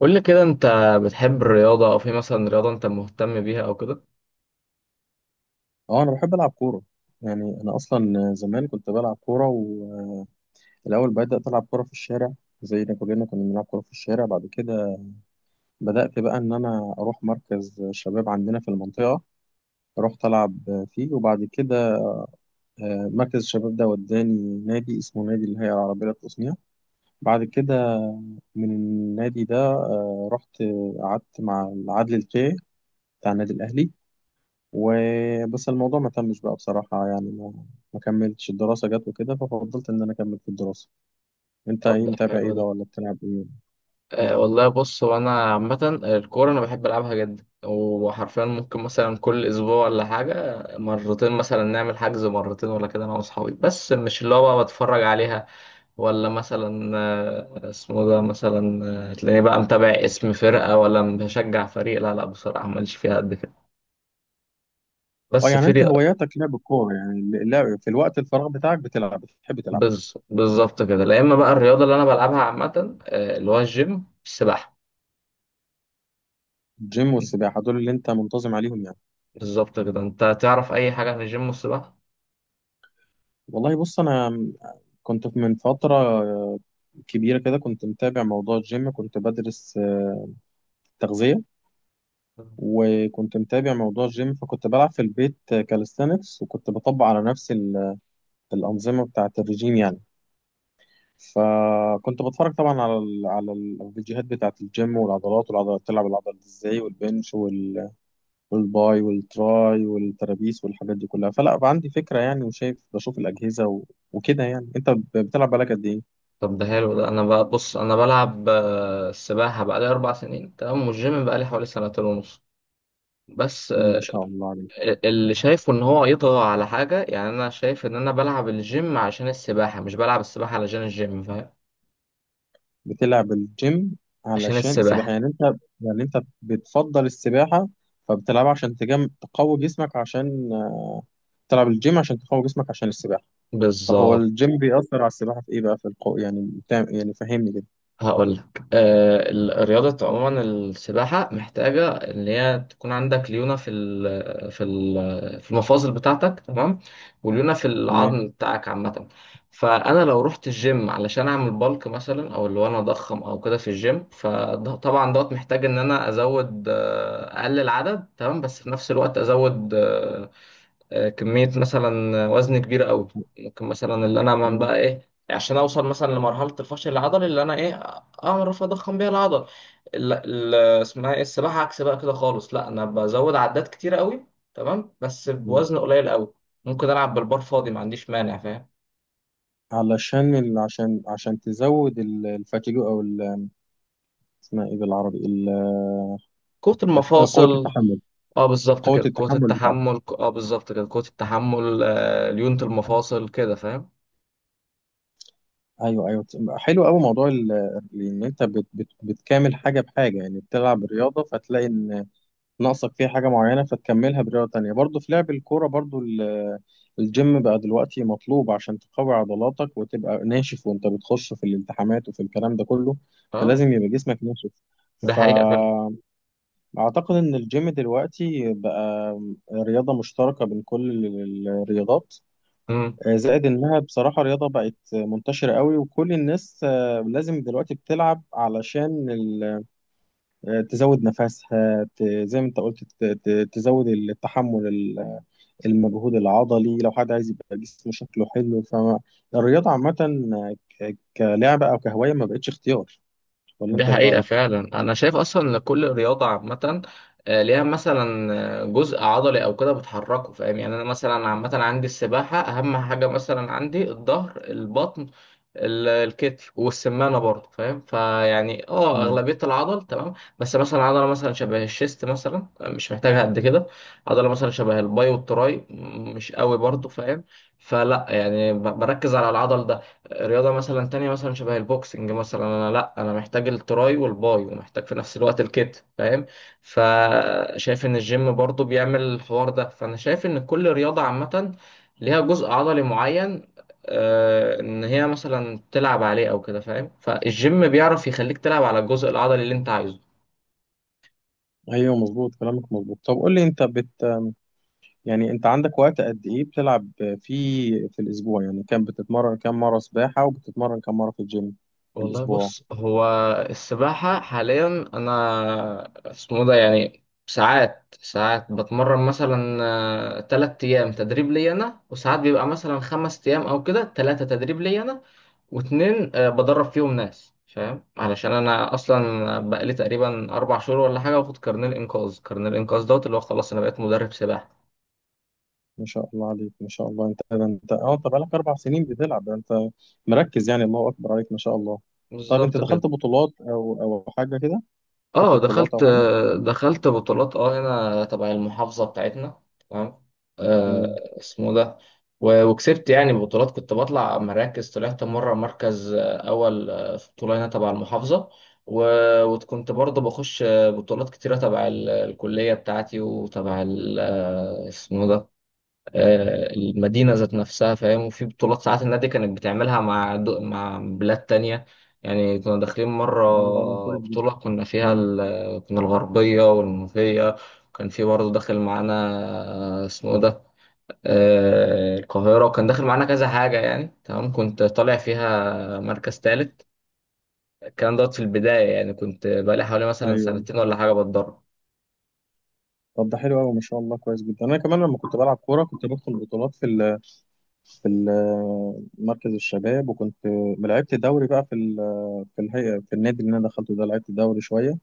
قول لي كده، انت بتحب الرياضة او في مثلا رياضة انت مهتم بيها او كده؟ اه انا بحب العب كوره. يعني انا اصلا زمان كنت بلعب كوره، والاول بدات العب كوره في الشارع، زي ما كلنا كنا بنلعب كوره في الشارع. بعد كده بدات بقى ان انا اروح مركز شباب عندنا في المنطقه، رحت العب فيه. وبعد كده مركز الشباب ده وداني نادي اسمه نادي الهيئه العربيه للتصنيع. بعد كده من النادي ده رحت قعدت مع العدل الكي بتاع النادي الاهلي، وبس الموضوع ما تمش بقى بصراحة، يعني ما كملتش الدراسة، جت وكده ففضلت إن أنا أكمل في الدراسة. أنت طب، إيه، ده متابع إيه حلو بقى ده. ولا بتلعب إيه؟ أه مم. والله، بص، هو انا عامة الكورة انا بحب العبها جدا، وحرفيا ممكن مثلا كل اسبوع ولا حاجة مرتين، مثلا نعمل حجز مرتين ولا كده، انا واصحابي، بس مش اللي هو بقى بتفرج عليها. ولا مثلا اسمه ده، مثلا تلاقيني بقى متابع اسم فرقة ولا بشجع فريق. لا لا، بصراحة ماليش فيها قد كده. أه بس يعني في أنت ري- هواياتك لعب الكورة، يعني اللعب في الوقت الفراغ بتاعك بتلعب، بتحب تلعب بالظبط كده. لا، اما بقى الرياضه اللي انا بلعبها عامه اللي هو الجيم، السباحه. الجيم والسباحة، دول اللي أنت منتظم عليهم يعني. بالظبط كده. انت تعرف اي حاجه عن الجيم والسباحه؟ والله بص، أنا كنت من فترة كبيرة كده كنت متابع موضوع الجيم، كنت بدرس تغذية، وكنت متابع موضوع الجيم. فكنت بلعب في البيت كاليستانكس، وكنت بطبق على نفسي الأنظمة بتاعة الرجيم يعني. فكنت بتفرج طبعا على الفيديوهات بتاعة الجيم والعضلات، والعضلات تلعب العضلات ازاي، والبنش والباي والتراي والترابيس والحاجات دي كلها، فلا بقى عندي فكرة يعني، وشايف الأجهزة وكده يعني. أنت بتلعب بالك قد إيه؟ طب ده حلو ده. انا بقى بص، انا بلعب السباحه بقالي 4 سنين، تمام، والجيم بقالي حوالي سنتين ونص. بس، ما شاء الله عليك. اللي مم. شايفه ان هو يطغى على حاجه، يعني انا شايف ان انا بلعب الجيم عشان السباحه، مش بلعب السباحه علشان الجيم، فاهم؟ بتلعب الجيم عشان علشان السباحة السباحه. يعني، أنت يعني أنت بتفضل السباحة، فبتلعبها عشان تقوي جسمك، عشان تلعب الجيم عشان تقوي جسمك عشان السباحة. طب هو بالظبط. الجيم بيأثر على السباحة في إيه بقى، في القوة يعني يعني فهمني كده. هقول لك. الرياضة عموما، السباحة محتاجة إن هي تكون عندك ليونة في المفاصل بتاعتك، تمام. وليونة في تمام. العظم بتاعك، عامة. فأنا لو رحت الجيم علشان أعمل بالك مثلا، أو اللي هو أنا أضخم أو كده في الجيم، فطبعا دوت محتاج إن أنا أزود، أقلل عدد، تمام. بس في نفس الوقت أزود كمية مثلا وزن كبير قوي. ممكن مثلا اللي انا، من تمام. بقى ايه، عشان اوصل مثلا لمرحلة الفشل العضلي اللي انا ايه اعرف اضخم بيها العضل. ال- ال- اسمها ايه، السباحة، عكس بقى كده خالص. لا، انا بزود عدات كتير قوي، تمام، بس تمام. بوزن قليل قوي. ممكن العب بالبار فاضي، ما عنديش مانع، فاهم. عشان تزود الفاتيجو أو اسمها إيه بالعربي قوة قوة المفاصل. التحمل. اه بالظبط قوة كده، قوة التحمل بتاعتك. التحمل. اه بالظبط كده، قوة التحمل، ليونة المفاصل كده، فاهم. أيوه، أيوه. حلو أوي موضوع إن أنت بتكامل حاجة بحاجة يعني، بتلعب رياضة فتلاقي إن ناقصك فيها حاجة معينة فتكملها برياضة تانية. برضو في لعب الكورة، برضو الجيم بقى دلوقتي مطلوب عشان تقوي عضلاتك وتبقى ناشف، وانت بتخش في الالتحامات وفي الكلام ده كله، اه. فلازم يبقى جسمك ناشف. ده حقيقة فعلا. فأعتقد إن الجيم دلوقتي بقى رياضة مشتركة بين كل الرياضات. زائد إنها بصراحة رياضة بقت منتشرة قوي، وكل الناس لازم دلوقتي بتلعب علشان تزود نفسها، زي ما انت قلت، تزود التحمل، المجهود العضلي، لو حد عايز يبقى جسمه شكله حلو. فالرياضة عامة كلعبة أو كهواية ما بقتش اختيار، ولا دي أنت إيه حقيقة رأيك؟ فعلا. أنا شايف أصلا إن كل رياضة عامة ليها مثلا جزء عضلي أو كده بتحركه، فاهم. يعني أنا مثلا، عامة، عندي السباحة أهم حاجة، مثلا عندي الظهر، البطن، الكتف، والسمانه برضه، فاهم. فيعني، اه، مم. اغلبيه العضل، تمام. بس مثلا عضله مثلا شبه الشيست مثلا مش محتاجها قد كده. عضله مثلا شبه الباي والتراي مش قوي برضه، فاهم. فلا يعني بركز على العضل ده. رياضه مثلا تانية مثلا شبه البوكسنج، مثلا انا، لا انا محتاج التراي والباي، ومحتاج في نفس الوقت الكتف، فاهم. فشايف ان الجيم برضه بيعمل الحوار ده. فانا شايف ان كل رياضه عامه ليها جزء عضلي معين، ان هي مثلا تلعب عليه او كده، فاهم. فالجيم بيعرف يخليك تلعب على الجزء العضلي اللي انت عايزه. ايوه، مظبوط كلامك، مظبوط. طب قول لي انت يعني انت عندك وقت قد ايه بتلعب فيه في الاسبوع، يعني كم بتتمرن، كم مره سباحه، وبتتمرن كم مره في الجيم في والله الاسبوع؟ بص، هو السباحة حاليا، انا اسمه ده، يعني ساعات ساعات بتمرن مثلا 3 ايام تدريب لي انا، وساعات بيبقى مثلا 5 ايام او كده، 3 تدريب لي انا واتنين بدرب فيهم ناس، فاهم. علشان انا اصلا بقالي تقريبا 4 شهور ولا حاجة واخد كارنيه الانقاذ، كارنيه الانقاذ دوت اللي هو خلاص انا بقيت مدرب سباحة. ما شاء الله عليك، ما شاء الله. انت ده انت اه انت بقالك 4 سنين بتلعب، ده انت مركز يعني، الله اكبر عليك، ما شاء الله. طب انت بالظبط كده. دخلت بطولات او او حاجه كده، خدت اه بطولات دخلت او حاجه؟ دخلت بطولات، اه، هنا تبع المحافظة بتاعتنا، تمام. آه امم. اسمه ده. وكسبت يعني بطولات، كنت بطلع مراكز، طلعت مرة مركز أول في بطولة هنا تبع المحافظة. وكنت برضه بخش بطولات كتيرة تبع الكلية بتاعتي، وتبع اسمه ده، المدينة ذات نفسها، فاهم. وفي بطولات ساعات النادي كانت بتعملها مع مع بلاد تانية، يعني كنا داخلين مرة الموضوع كويس جدا. بطولة كنا فيها امم. كنا الغربية والمنوفية، كان في برضه داخل معانا اسمه ده، القاهرة، وكان داخل معانا كذا حاجة يعني، تمام. كنت طالع فيها مركز تالت، الكلام دوت في البداية، يعني كنت بقالي حوالي مثلا ايوه. سنتين ولا حاجة بتدرب. طب ده حلو قوي، ما شاء الله، كويس جدا. انا كمان لما كنت بلعب كوره كنت بدخل بطولات في في مركز الشباب، وكنت لعبت دوري بقى في في الهيئه، في النادي اللي انا دخلته ده لعبت دوري شويه.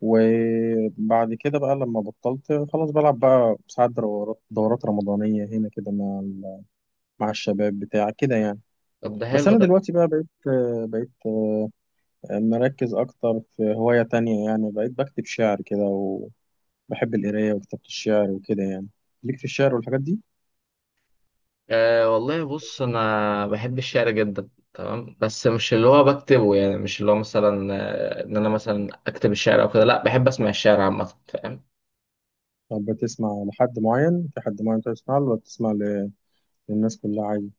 وبعد كده بقى لما بطلت خلاص بلعب، بقى ساعات دورات رمضانية هنا كده مع مع الشباب بتاع كده يعني. طب ده بس حلو. أنا دلوقتي بقى بقيت مركز أكتر في هواية تانية، يعني بقيت بكتب شعر كده، وبحب القراية وكتابة الشعر وكده يعني. ليك في الشعر والحاجات دي؟ أه والله بص، انا بحب الشعر جدا، تمام. بس مش اللي هو بكتبه، يعني مش اللي هو مثلا ان انا مثلا اكتب الشعر او كده. لا، بحب اسمع الشعر عامه، فاهم. طب بتسمع لحد معين، في حد معين بتسمع له ولا بتسمع للناس كلها عادي؟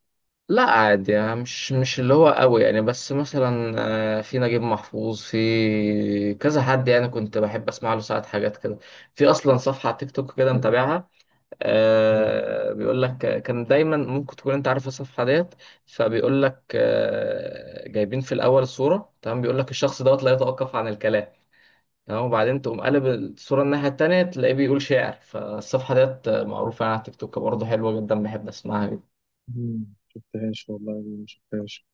لا عادي، يعني مش اللي هو قوي يعني، بس مثلا في نجيب محفوظ، في كذا حد يعني كنت بحب اسمع له ساعات حاجات كده. في اصلا صفحه على تيك توك كده متابعها، آه، بيقول لك كان دايما، ممكن تكون انت عارف الصفحه ديت. فبيقول لك جايبين في الاول صوره، تمام، بيقول لك الشخص دوت لا يتوقف عن الكلام. تمام. وبعدين تقوم قلب الصوره الناحيه التانيه، تلاقيه بيقول شعر. فالصفحه ديت معروفه على تيك توك برضه، حلوه جدا، بحب اسمعها جدا. مم، شفتهاش والله، ما شفتهاش.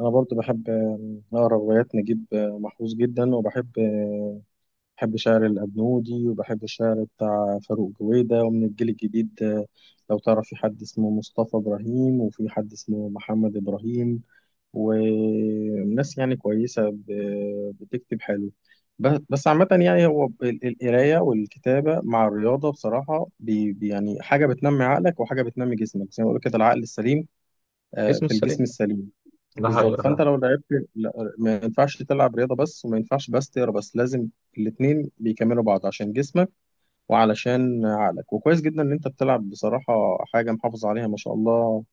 انا برضو بحب اقرا روايات نجيب محفوظ جدا، وبحب بحب شعر الابنودي، وبحب الشعر بتاع فاروق جويدة. ومن الجيل الجديد لو تعرف، في حد اسمه مصطفى ابراهيم، وفي حد اسمه محمد ابراهيم، وناس يعني كويسة بتكتب حلو. بس عامة يعني، هو القراية والكتابة مع الرياضة بصراحة يعني حاجة بتنمي عقلك وحاجة بتنمي جسمك، زي ما بقول كده، العقل السليم اسمه في السليم. الجسم السليم. ده بالظبط. حقيقة فعلا. فانت لو لعبت ما ينفعش تلعب رياضه بس، وما ينفعش بس تقرا، بس لازم الاتنين بيكملوا بعض عشان جسمك وعلشان عقلك. وكويس جدا ان انت بتلعب بصراحه، حاجه محافظ عليها ما شاء الله،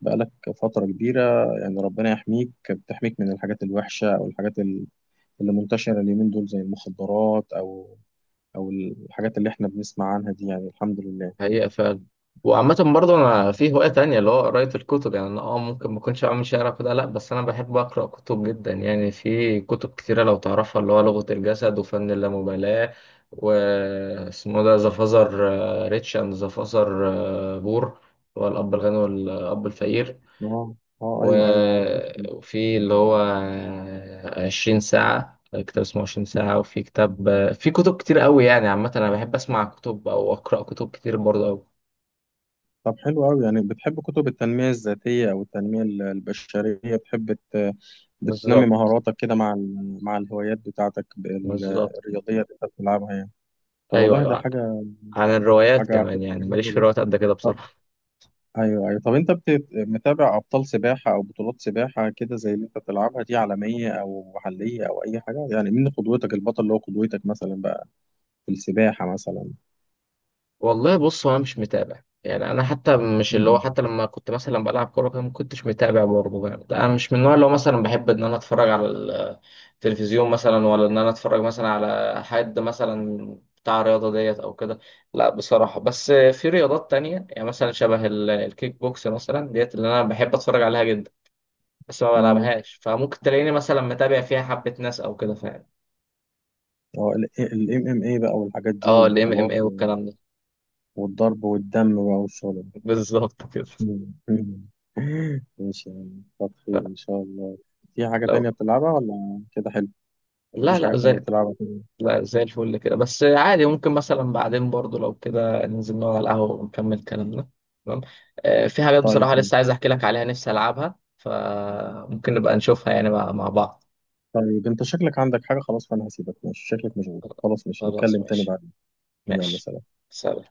بقالك فتره كبيره. يعني ربنا يحميك، بتحميك من الحاجات الوحشه او الحاجات اللي منتشره اليومين دول زي المخدرات او او الحاجات اللي احنا بنسمع عنها دي يعني، الحمد لله. حقيقة فعلا. وعامة برضه أنا مم. في هواية تانية اللي هو قراية الكتب، يعني أنا، ممكن ما أكونش عامل شعر كده، لأ. بس أنا بحب أقرأ كتب جدا، يعني في كتب كتيرة لو تعرفها، اللي هو لغة الجسد، وفن اللامبالاة، واسمه ده ذا فازر ريتش أند ذا فازر بور، اللي هو الأب الغني والأب الفقير. اه. اه ايوه، ايوه عارف. وفي اللي هو عشرين ساعة، كتاب اسمه 20 ساعة. وفي كتاب في كتب كتير قوي، يعني عامة أنا بحب أسمع كتب أو أقرأ كتب كتير برضه أوي. طب حلو أوي، يعني بتحب كتب التنمية الذاتية أو التنمية البشرية، بتحب بتنمي بالظبط. مهاراتك كده مع مع الهوايات بتاعتك بالظبط. الرياضية اللي أنت بتلعبها يعني. طب ايوه، والله ده ايوه. حاجة، عن الروايات حاجة كمان، يعني ماليش حلوة في جدا. الروايات قد كده طب بصراحه. أيوه، أيوه. طب أنت متابع أبطال سباحة أو بطولات سباحة كده زي اللي أنت بتلعبها دي، عالمية أو محلية أو أي حاجة يعني؟ مين قدوتك، البطل اللي هو قدوتك مثلا بقى في السباحة مثلا؟ والله بص، هو انا مش متابع، يعني انا حتى مش اللي هو، حتى لما كنت مثلا بلعب كوره كده ما كنتش متابع برضه، يعني انا مش من النوع اللي هو مثلا بحب ان انا اتفرج على التلفزيون مثلا، ولا ان انا اتفرج مثلا على حد مثلا بتاع الرياضه ديت او كده. لا بصراحه، بس في رياضات تانية، يعني مثلا شبه الكيك بوكس مثلا ديت، اللي انا بحب اتفرج عليها جدا. بس ما امم. بلعبهاش، فممكن تلاقيني مثلا متابع فيها حبه ناس او كده، فاهم. اه، MMA بقى والحاجات دي اه، الام ام والبطولات، اي والكلام ده. والضرب والدم بقى والشغل. بالظبط كده. مم. ده ماشي يعني، كتر خير إن شاء الله. في حاجة لو تانية بتلعبها ولا كده حلو؟ لا مفيش حاجة لا، تانية زي، بتلعبها كده. لا زي الفل كده. بس عادي ممكن مثلا بعدين برضو لو كده ننزل نقعد على القهوة ونكمل كلامنا، تمام. آه في حاجات طيب. بصراحة لسه عايز احكي لك عليها نفسي العبها، فممكن نبقى نشوفها يعني مع بعض. طيب أنت شكلك عندك حاجة خلاص، فأنا هسيبك ماشي، شكلك مشغول خلاص، ماشي خلاص نتكلم تاني ماشي. بعدين. يلا ماشي. سلام. سلام.